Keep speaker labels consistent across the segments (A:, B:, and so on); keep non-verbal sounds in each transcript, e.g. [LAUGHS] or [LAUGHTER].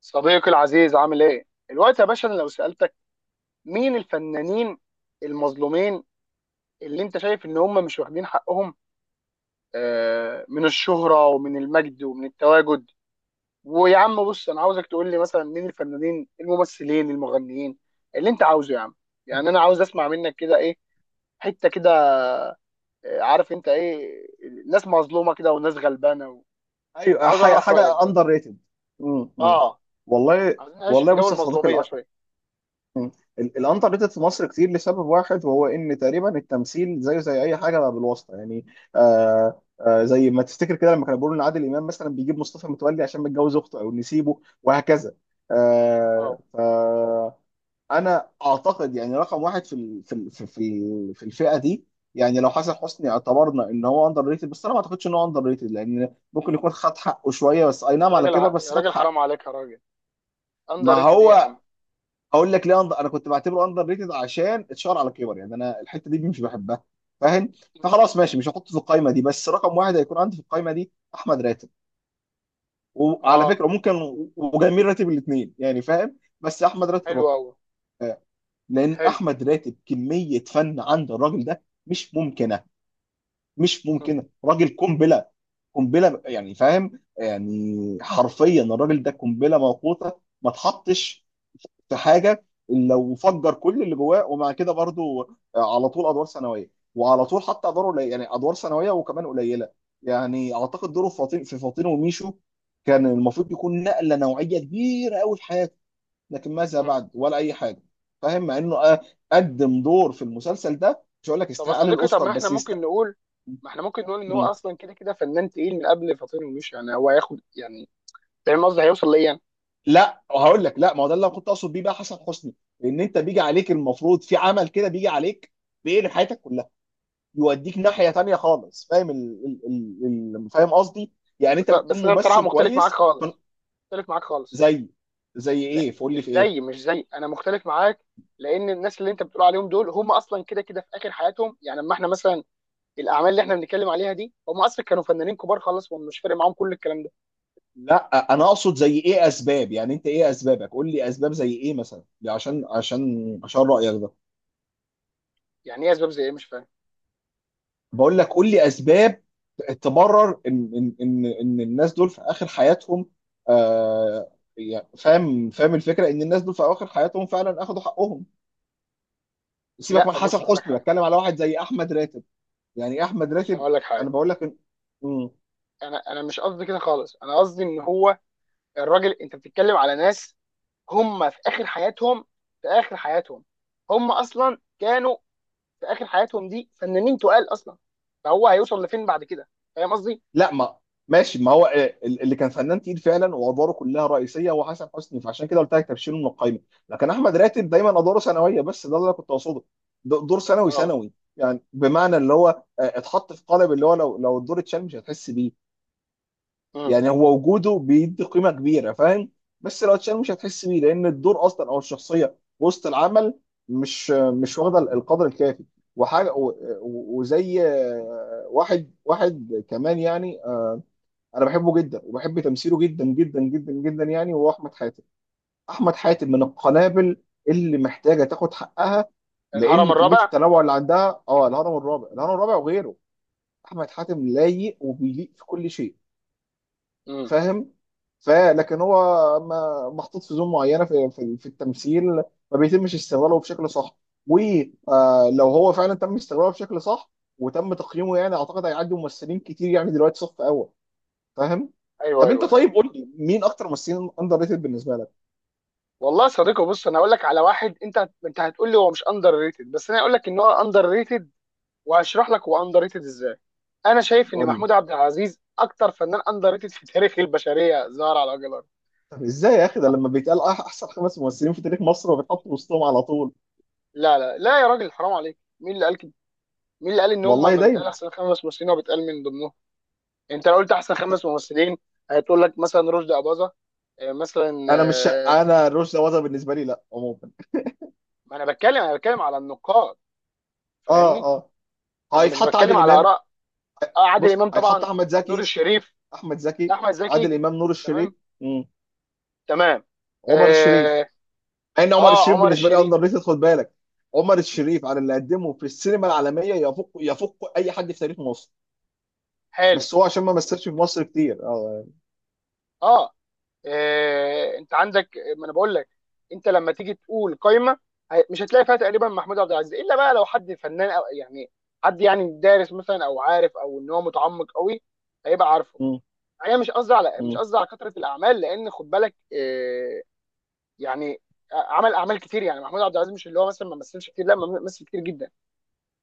A: صديقي العزيز، عامل ايه؟ الوقت يا باشا، انا لو سألتك مين الفنانين المظلومين اللي انت شايف ان هم مش واخدين حقهم. من الشهرة ومن المجد ومن التواجد. ويا عم بص، انا عاوزك تقول لي مثلا مين الفنانين، الممثلين، المغنيين اللي انت عاوزه يا عم. يعني انا عاوز اسمع منك كده ايه، حتة كده. عارف انت ايه، ناس مظلومة كده وناس غلبانة
B: ايوه،
A: عاوز اعرف رأيك
B: حاجه
A: بس.
B: اندر ريتد.
A: اه.
B: والله.
A: عايزين نعيش
B: والله،
A: في جو
B: بص يا صديقي
A: المظلومية شوية.
B: مم. الاندر ريتد في مصر كتير لسبب واحد، وهو ان تقريبا التمثيل زيه زي اي حاجه بالواسطه يعني. زي ما تفتكر كده لما كانوا بيقولوا ان عادل امام مثلا بيجيب مصطفى متولي عشان متجوز اخته او نسيبه وهكذا.
A: اه.
B: آه انا اعتقد يعني رقم واحد في ال- في ال- في في في الفئه دي. يعني لو حسن حسني اعتبرنا ان هو اندر ريتد، بس انا ما اعتقدش ان هو اندر ريتد، لان ممكن يكون خد حقه شويه، بس اي نعم على كبر بس
A: يا
B: خد
A: راجل
B: حقه.
A: حرام عليك يا راجل! اندر
B: ما
A: ريتد ايه يا
B: هو
A: عم؟
B: اقول لك ليه انا كنت بعتبره اندر ريتد عشان اتشهر على كبر، يعني انا الحته دي مش بحبها. فاهم؟
A: مم.
B: فخلاص ماشي، مش هحطه في القايمه دي، بس رقم واحد هيكون عندي في القايمه دي احمد راتب. وعلى
A: اه.
B: فكره ممكن وجميل راتب الاثنين يعني، فاهم؟ بس احمد راتب
A: حلو
B: اكتر.
A: قوي.
B: لان
A: حلو.
B: احمد راتب كميه فن عند الراجل ده مش ممكنه. مش
A: مم.
B: ممكنه، راجل قنبله. قنبله يعني فاهم، يعني حرفيا الراجل ده قنبله موقوته. ما تحطش في حاجه الا وفجر كل اللي جواه، ومع كده برضو على طول ادوار ثانويه، وعلى طول حتى ادوار قليله، يعني ادوار ثانويه وكمان قليله. يعني اعتقد دوره في فاطين وميشو كان المفروض يكون نقله نوعيه كبيره قوي في حياته. لكن ماذا
A: مم.
B: بعد؟ ولا اي حاجه. فاهم؟ مع انه قدم دور في المسلسل ده، مش هقول لك
A: طب يا
B: يستحق
A: صديقي، طب
B: الاوسكار،
A: ما احنا
B: بس
A: ممكن
B: يستحق.
A: نقول، ما احنا ممكن نقول ان هو
B: مم.
A: اصلا كده كده فنان تقيل من قبل فاطين، ومش يعني هو هياخد يعني. فاهم قصدي، هيوصل ليا يعني.
B: لا هقول لك، لا، ما هو ده اللي أنا كنت اقصد بيه بقى حسن حسني. ان انت بيجي عليك المفروض في عمل كده بيجي عليك بيقلب حياتك كلها. يوديك ناحيه تانية خالص، فاهم؟ ال... فاهم قصدي؟ يعني
A: بس
B: انت بتكون
A: بس انا بصراحه
B: ممثل
A: مختلف معاك
B: كويس.
A: خالص، مختلف معاك خالص.
B: زي زي
A: لا،
B: ايه؟ فقول لي
A: مش
B: في ايه؟
A: زي مش زي انا مختلف معاك، لان الناس اللي انت بتقول عليهم دول هم اصلا كده كده في اخر حياتهم يعني. اما احنا مثلا الاعمال اللي احنا بنتكلم عليها دي، هم اصلا كانوا فنانين كبار خالص، ومش فارق معاهم كل الكلام ده.
B: لا انا اقصد زي ايه اسباب، يعني انت ايه اسبابك؟ قول لي اسباب زي ايه مثلا، عشان رايك ده.
A: يعني ايه اسباب زي ايه؟ مش فاهم.
B: بقول لك قول لي اسباب تبرر ان الناس دول في اخر حياتهم. آه يعني فاهم الفكره، ان الناس دول في اخر حياتهم فعلا اخذوا حقهم. سيبك
A: لا،
B: من حسن
A: بص هقول لك
B: حسني،
A: حاجه،
B: بتكلم على واحد زي احمد راتب. يعني إيه احمد
A: بص
B: راتب؟
A: هقول لك حاجه.
B: انا بقول لك. مم.
A: انا مش قصدي كده خالص، انا قصدي ان هو الراجل. انت بتتكلم على ناس هم في اخر حياتهم، في اخر حياتهم، هم اصلا كانوا في اخر حياتهم دي فنانين تقال اصلا، فهو هيوصل لفين بعد كده؟ فاهم قصدي.
B: لا ما ماشي، ما هو اللي كان فنان تقيل فعلا وادواره كلها رئيسيه هو حسن حسني، فعشان كده قلت لك تبشيره من القايمه. لكن احمد راتب دايما ادواره ثانويه، بس ده اللي انا كنت اقصده. دور ثانوي
A: اه.
B: ثانوي، يعني بمعنى اللي هو اتحط في قالب اللي هو لو الدور اتشال مش هتحس بيه.
A: امم.
B: يعني هو وجوده بيدي قيمه كبيره، فاهم؟ بس لو اتشال مش هتحس بيه، لان الدور اصلا او الشخصيه وسط العمل مش واخده القدر الكافي. وحاجه و- وزي واحد واحد كمان يعني انا بحبه جدا وبحب تمثيله جدا جدا جدا جدا يعني، وهو احمد حاتم. احمد حاتم من القنابل، اللي محتاجه تاخد حقها، لان
A: الهرم
B: كميه
A: الرابع.
B: التنوع اللي عندها الهرم الرابع الهرم الرابع وغيره. احمد حاتم لايق وبيليق في كل شيء،
A: امم.
B: فاهم؟ فلكن هو ما محطوط في زون معينه في التمثيل. ما بيتمش استغلاله بشكل صح. ولو هو فعلا تم استغلاله بشكل صح وتم تقييمه، يعني اعتقد هيعدي ممثلين كتير، يعني دلوقتي صف اول، فاهم؟
A: ايوه
B: طب انت
A: ايوه، أيوة.
B: طيب قول لي مين اكتر ممثلين اندر ريتد بالنسبه لك؟
A: والله يا صديقي بص، انا هقول لك على واحد، انت هتقول لي هو مش اندر ريتد، بس انا هقول لك ان هو اندر ريتد، وهشرح لك هو اندر ريتد ازاي. انا شايف ان
B: قول لي.
A: محمود عبد العزيز اكتر فنان اندر ريتد في تاريخ البشريه ظهر على وجه الارض.
B: طب ازاي يا اخي ده لما بيتقال احسن خمس ممثلين في تاريخ مصر وبيتحطوا وسطهم على طول؟
A: لا لا لا يا راجل، حرام عليك! مين اللي قال كده؟ مين اللي قال ان هم
B: والله
A: ما
B: دايما.
A: بيتقال احسن خمس ممثلين وبيتقال من ضمنهم؟ انت لو قلت احسن خمس ممثلين، هتقول لك مثلا رشدي اباظه، مثلا،
B: انا مش انا رشدي أباظة بالنسبه لي لا، عموما.
A: ما انا بتكلم انا بتكلم على النقاد،
B: اه
A: فاهمني؟
B: اه.
A: انا مش
B: هيتحط
A: بتكلم
B: عادل
A: على
B: امام.
A: اراء. عادل
B: بص
A: امام
B: هيتحط
A: طبعا.
B: احمد
A: نور
B: زكي.
A: الشريف.
B: احمد زكي.
A: احمد زكي.
B: عادل امام، نور الشريف.
A: تمام.
B: مم.
A: تمام.
B: عمر الشريف.
A: اه.
B: مع ان عمر الشريف
A: عمر
B: بالنسبه لي
A: الشريف.
B: اندر ريتد، خد بالك. عمر الشريف على اللي قدمه في السينما العالميه يفوق اي حد في تاريخ مصر.
A: حلو.
B: بس هو عشان ما مثلش في مصر كتير اه
A: اه. انت عندك، ما انا بقول لك، انت لما تيجي تقول قايمه، مش هتلاقي فيها تقريبا محمود عبد العزيز، الا بقى لو حد فنان او يعني حد يعني دارس مثلا، او عارف، او ان هو متعمق قوي، هيبقى عارفه.
B: مم.
A: انا مش قصدي على، مش
B: مم.
A: قصدي على كثره الاعمال، لان خد بالك يعني عمل اعمال كتير يعني. محمود عبد العزيز مش اللي هو مثلا ما مثلش كتير، لا، ما مثل كتير جدا.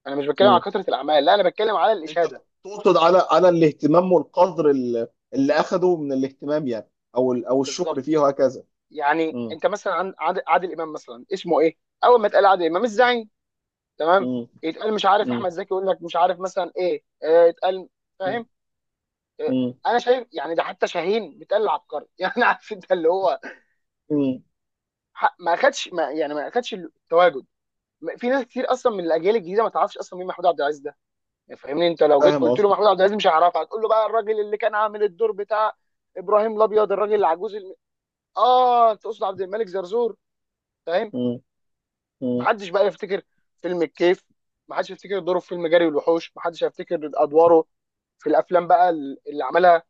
A: انا مش بتكلم على
B: مم.
A: كثره الاعمال، لا، انا بتكلم على
B: انت
A: الاشاده.
B: تقصد على الاهتمام والقدر اللي اخده من الاهتمام يعني، او او الشكر
A: بالظبط.
B: فيه وهكذا؟
A: يعني
B: مم.
A: انت مثلا عادل امام مثلا اسمه ايه؟ اول ما اتقال عادل امام الزعيم. تمام.
B: مم.
A: يتقال مش عارف،
B: مم.
A: احمد زكي يقول لك مش عارف مثلا ايه، يتقال.
B: مم.
A: فاهم. آه،
B: مم.
A: انا شايف يعني، ده حتى شاهين بيتقال عبقري [LAUGHS] يعني عارف انت اللي هو،
B: مم.
A: ما اخدش، ما يعني ما اخدش التواجد. في ناس كتير اصلا من الاجيال الجديده ما تعرفش اصلا مين محمود عبد العزيز ده، يعني فاهمني؟ انت لو جيت
B: فاهم
A: قلت له
B: قصدك.
A: محمود عبد العزيز، مش هيعرفها. هتقول له بقى الراجل اللي كان عامل الدور بتاع ابراهيم الابيض، الراجل العجوز، اه تقصد عبد الملك زرزور. فاهم.
B: مم. مم.
A: محدش بقى يفتكر فيلم الكيف، محدش يفتكر دوره في فيلم جري والوحوش، محدش هيفتكر ادواره في الافلام بقى اللي عملها.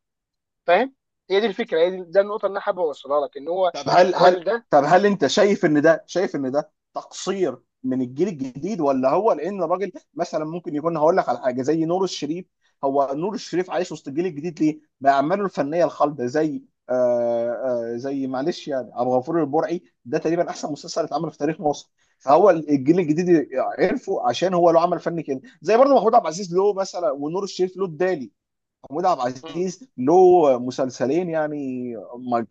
A: فاهم؟ هي دي الفكره، هي دي، ده النقطه اللي انا حابب اوصلها لك، ان هو
B: طب هل هل
A: الراجل ده.
B: طب هل انت شايف ان ده تقصير من الجيل الجديد، ولا هو لان الراجل مثلا ممكن يكون؟ هقول لك على حاجه زي نور الشريف. هو نور الشريف عايش وسط الجيل الجديد ليه؟ باعماله الفنيه الخالده، زي معلش يعني عبد الغفور البرعي، ده تقريبا احسن مسلسل اتعمل في تاريخ مصر. فهو الجيل الجديد عرفه عشان هو له عمل فني كده، زي برضه محمود عبد العزيز له مثلا، ونور الشريف له الدالي. محمود عبد
A: مم.
B: العزيز له مسلسلين يعني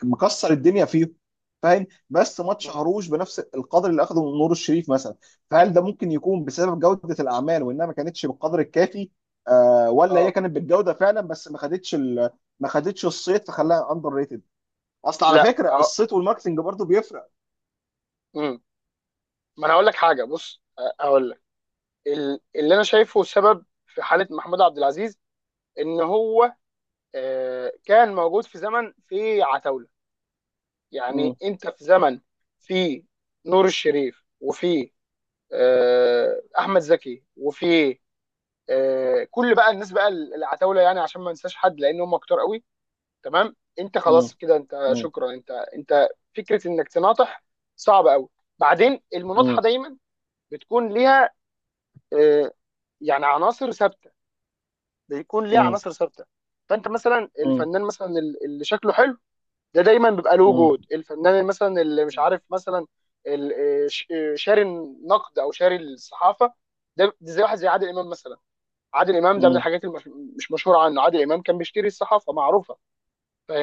B: مكسر الدنيا فيهم، فاهم؟ بس ما
A: مم.
B: اتشهروش بنفس القدر اللي اخده من نور الشريف مثلا. فهل ده ممكن يكون بسبب جودة الاعمال، وانها ما كانتش بالقدر الكافي؟ ولا هي
A: اه.
B: كانت بالجودة فعلا، بس ما خدتش الصيت فخلاها اندر ريتد. اصل على
A: لا،
B: فكرة
A: اه.
B: الصيت والماركتنج برضو بيفرق.
A: مم. ما انا هقول لك حاجه بص، هقول لك، اللي انا شايفه سبب في حاله محمود عبد العزيز ان هو كان موجود في زمن في عتاوله. يعني
B: مم.
A: انت في زمن، في نور الشريف، وفي احمد زكي، وفي كل بقى الناس بقى العتاوله، يعني عشان ما ننساش حد، لان هم كتار قوي. تمام. انت
B: مم.
A: خلاص كده، انت
B: مم.
A: شكرا، انت فكره انك تناطح صعب قوي. بعدين
B: مم.
A: المناطحه دايما بتكون ليها آه، يعني عناصر ثابته، بيكون ليها
B: مم.
A: عناصر ثابته. فانت مثلا
B: مم.
A: الفنان مثلا اللي شكله حلو، ده دايما بيبقى له
B: مم.
A: وجود. الفنان اللي مثلا اللي مش عارف مثلا شاري النقد او شاري الصحافه. ده زي واحد زي عادل امام مثلا. عادل امام ده من
B: مم.
A: الحاجات اللي مش مش مشهوره عنه، عادل امام كان بيشتري الصحافه، معروفه.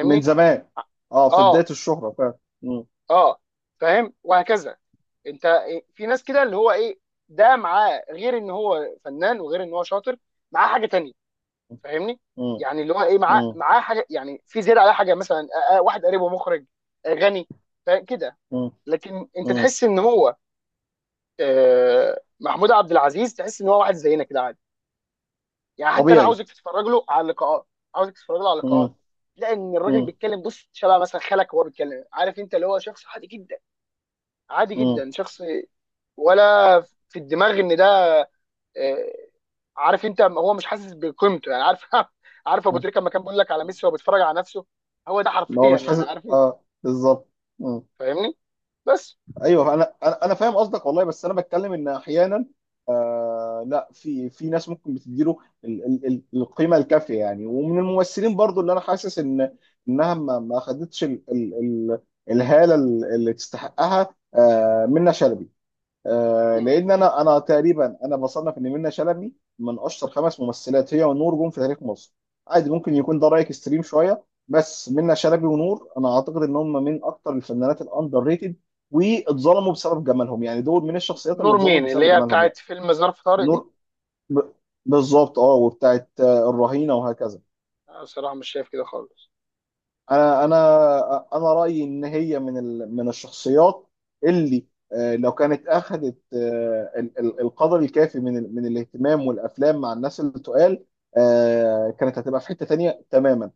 B: من زمان. اه، في بداية
A: اه.
B: الشهرة فعلا. مم.
A: اه. فاهم وهكذا. انت في ناس كده اللي هو ايه، ده معاه غير ان هو فنان وغير ان هو شاطر، معاه حاجه تانية. فاهمني؟ يعني اللي هو ايه، معاه
B: مم.
A: معاه حاجه يعني في زياده على حاجه، مثلا واحد قريبه مخرج، غني. كده.
B: مم.
A: لكن انت
B: مم.
A: تحس ان هو محمود عبد العزيز، تحس ان هو واحد زينا كده عادي. يعني حتى انا
B: طبيعي.
A: عاوزك تتفرج له على اللقاءات، عاوزك تتفرج له على اللقاءات،
B: مم.
A: لان الراجل
B: مم.
A: بيتكلم بص شبه مثلا خالك وهو بيتكلم. عارف انت اللي هو شخص عادي جدا، عادي
B: مم.
A: جدا شخص. ولا في الدماغ ان ده آه، عارف انت، هو مش حاسس بقيمته يعني، عارف [LAUGHS] عارف ابو
B: مم.
A: تريكه لما كان بيقول لك على ميسي وهو بيتفرج على نفسه؟ هو ده
B: ان هو
A: حرفيا
B: مش
A: يعني،
B: حاسس،
A: عارف انت؟
B: اه، بالظبط. مم.
A: فاهمني. بس.
B: ايوه انا انا أنا فاهم قصدك والله، بس انا بتكلم ان احيانا... لا، في ناس ممكن بتديله القيمه الكافيه يعني، ومن الممثلين برضو اللي انا حاسس انها ما خدتش ال ال ال الهاله اللي تستحقها. منة شلبي.
A: مم.
B: لان انا تقريبا انا بصنف ان منة شلبي من اشطر خمس ممثلات، هي ونور، جم في تاريخ مصر. عادي ممكن يكون ده رايك اكستريم شويه، بس منة شلبي ونور انا اعتقد ان هم من اكتر الفنانات الاندر ريتد، واتظلموا بسبب جمالهم، يعني دول من الشخصيات اللي
A: نور
B: اتظلمت
A: مين، اللي
B: بسبب
A: هي
B: جمالهم
A: بتاعت
B: يعني.
A: فيلم ظرف طارق دي؟
B: نور ب... بالظبط، اه، وبتاعت الرهينه وهكذا.
A: انا بصراحه مش شايف كده خالص.
B: انا انا رايي ان هي من من الشخصيات اللي لو كانت اخذت القدر الكافي من من الاهتمام والافلام مع الناس اللي تقال، كانت هتبقى في حته تانية تماما.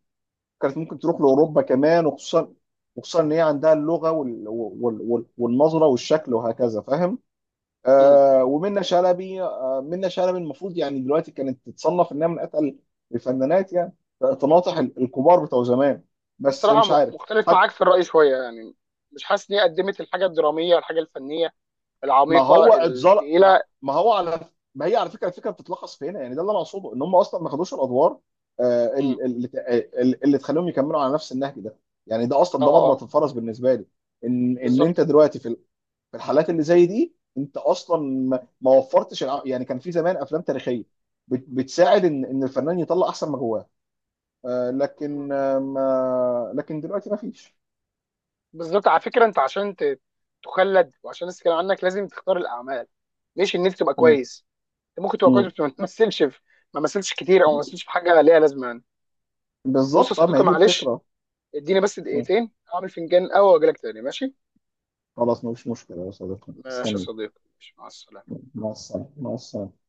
B: كانت ممكن تروح
A: مم.
B: لاوروبا كمان، وخصوصا ان هي عندها اللغه والنظره والشكل وهكذا، فاهم؟
A: مم.
B: ومنة شلبي، آه منة شلبي المفروض يعني دلوقتي كانت تتصنف انها من اتقل الفنانات يعني، تناطح الكبار بتوع زمان، بس
A: بصراحه
B: مش عارف.
A: مختلف
B: حتى
A: معاك في الراي شويه يعني. مش حاسس ان هي قدمت الحاجه الدراميه، الحاجه الفنيه
B: ما
A: العميقه
B: هو اتظلم. ما,
A: الثقيله.
B: ما هو على ما هي على فكره، الفكره بتتلخص في هنا، يعني ده اللي انا اقصده، ان هم اصلا ما خدوش الادوار
A: مم.
B: اللي تخليهم يكملوا على نفس النهج ده. يعني ده اصلا
A: اه.
B: ده
A: اه.
B: مرمط الفرس بالنسبه لي. ان ان انت
A: بالظبط.
B: دلوقتي في في الحالات اللي زي دي، انت اصلا ما وفرتش يعني كان في زمان افلام تاريخيه بتساعد ان الفنان يطلع احسن ما جواه. لكن آه، ما لكن دلوقتي ما فيش.
A: بالظبط على فكره، انت عشان تخلد، وعشان الناس تتكلم عنك، لازم تختار الاعمال ليش ان انت تبقى
B: مم.
A: كويس. انت ممكن تبقى كويس،
B: مم.
A: بس ما تمثلش، في ما مثلش كتير، او ما
B: بز-
A: مثلش في حاجه ليها لازمه يعني. بص يا
B: بالظبط، اه، ما هي
A: صديقي
B: دي
A: معلش،
B: الفكره.
A: اديني بس
B: مم.
A: دقيقتين اعمل فنجان قهوه واجي لك تاني، ماشي؟
B: خلاص مفيش مشكله يا صديقي،
A: ماشي يا
B: استني.
A: صديقي ماشي، مع السلامه.
B: مع السلامه مع السلامه.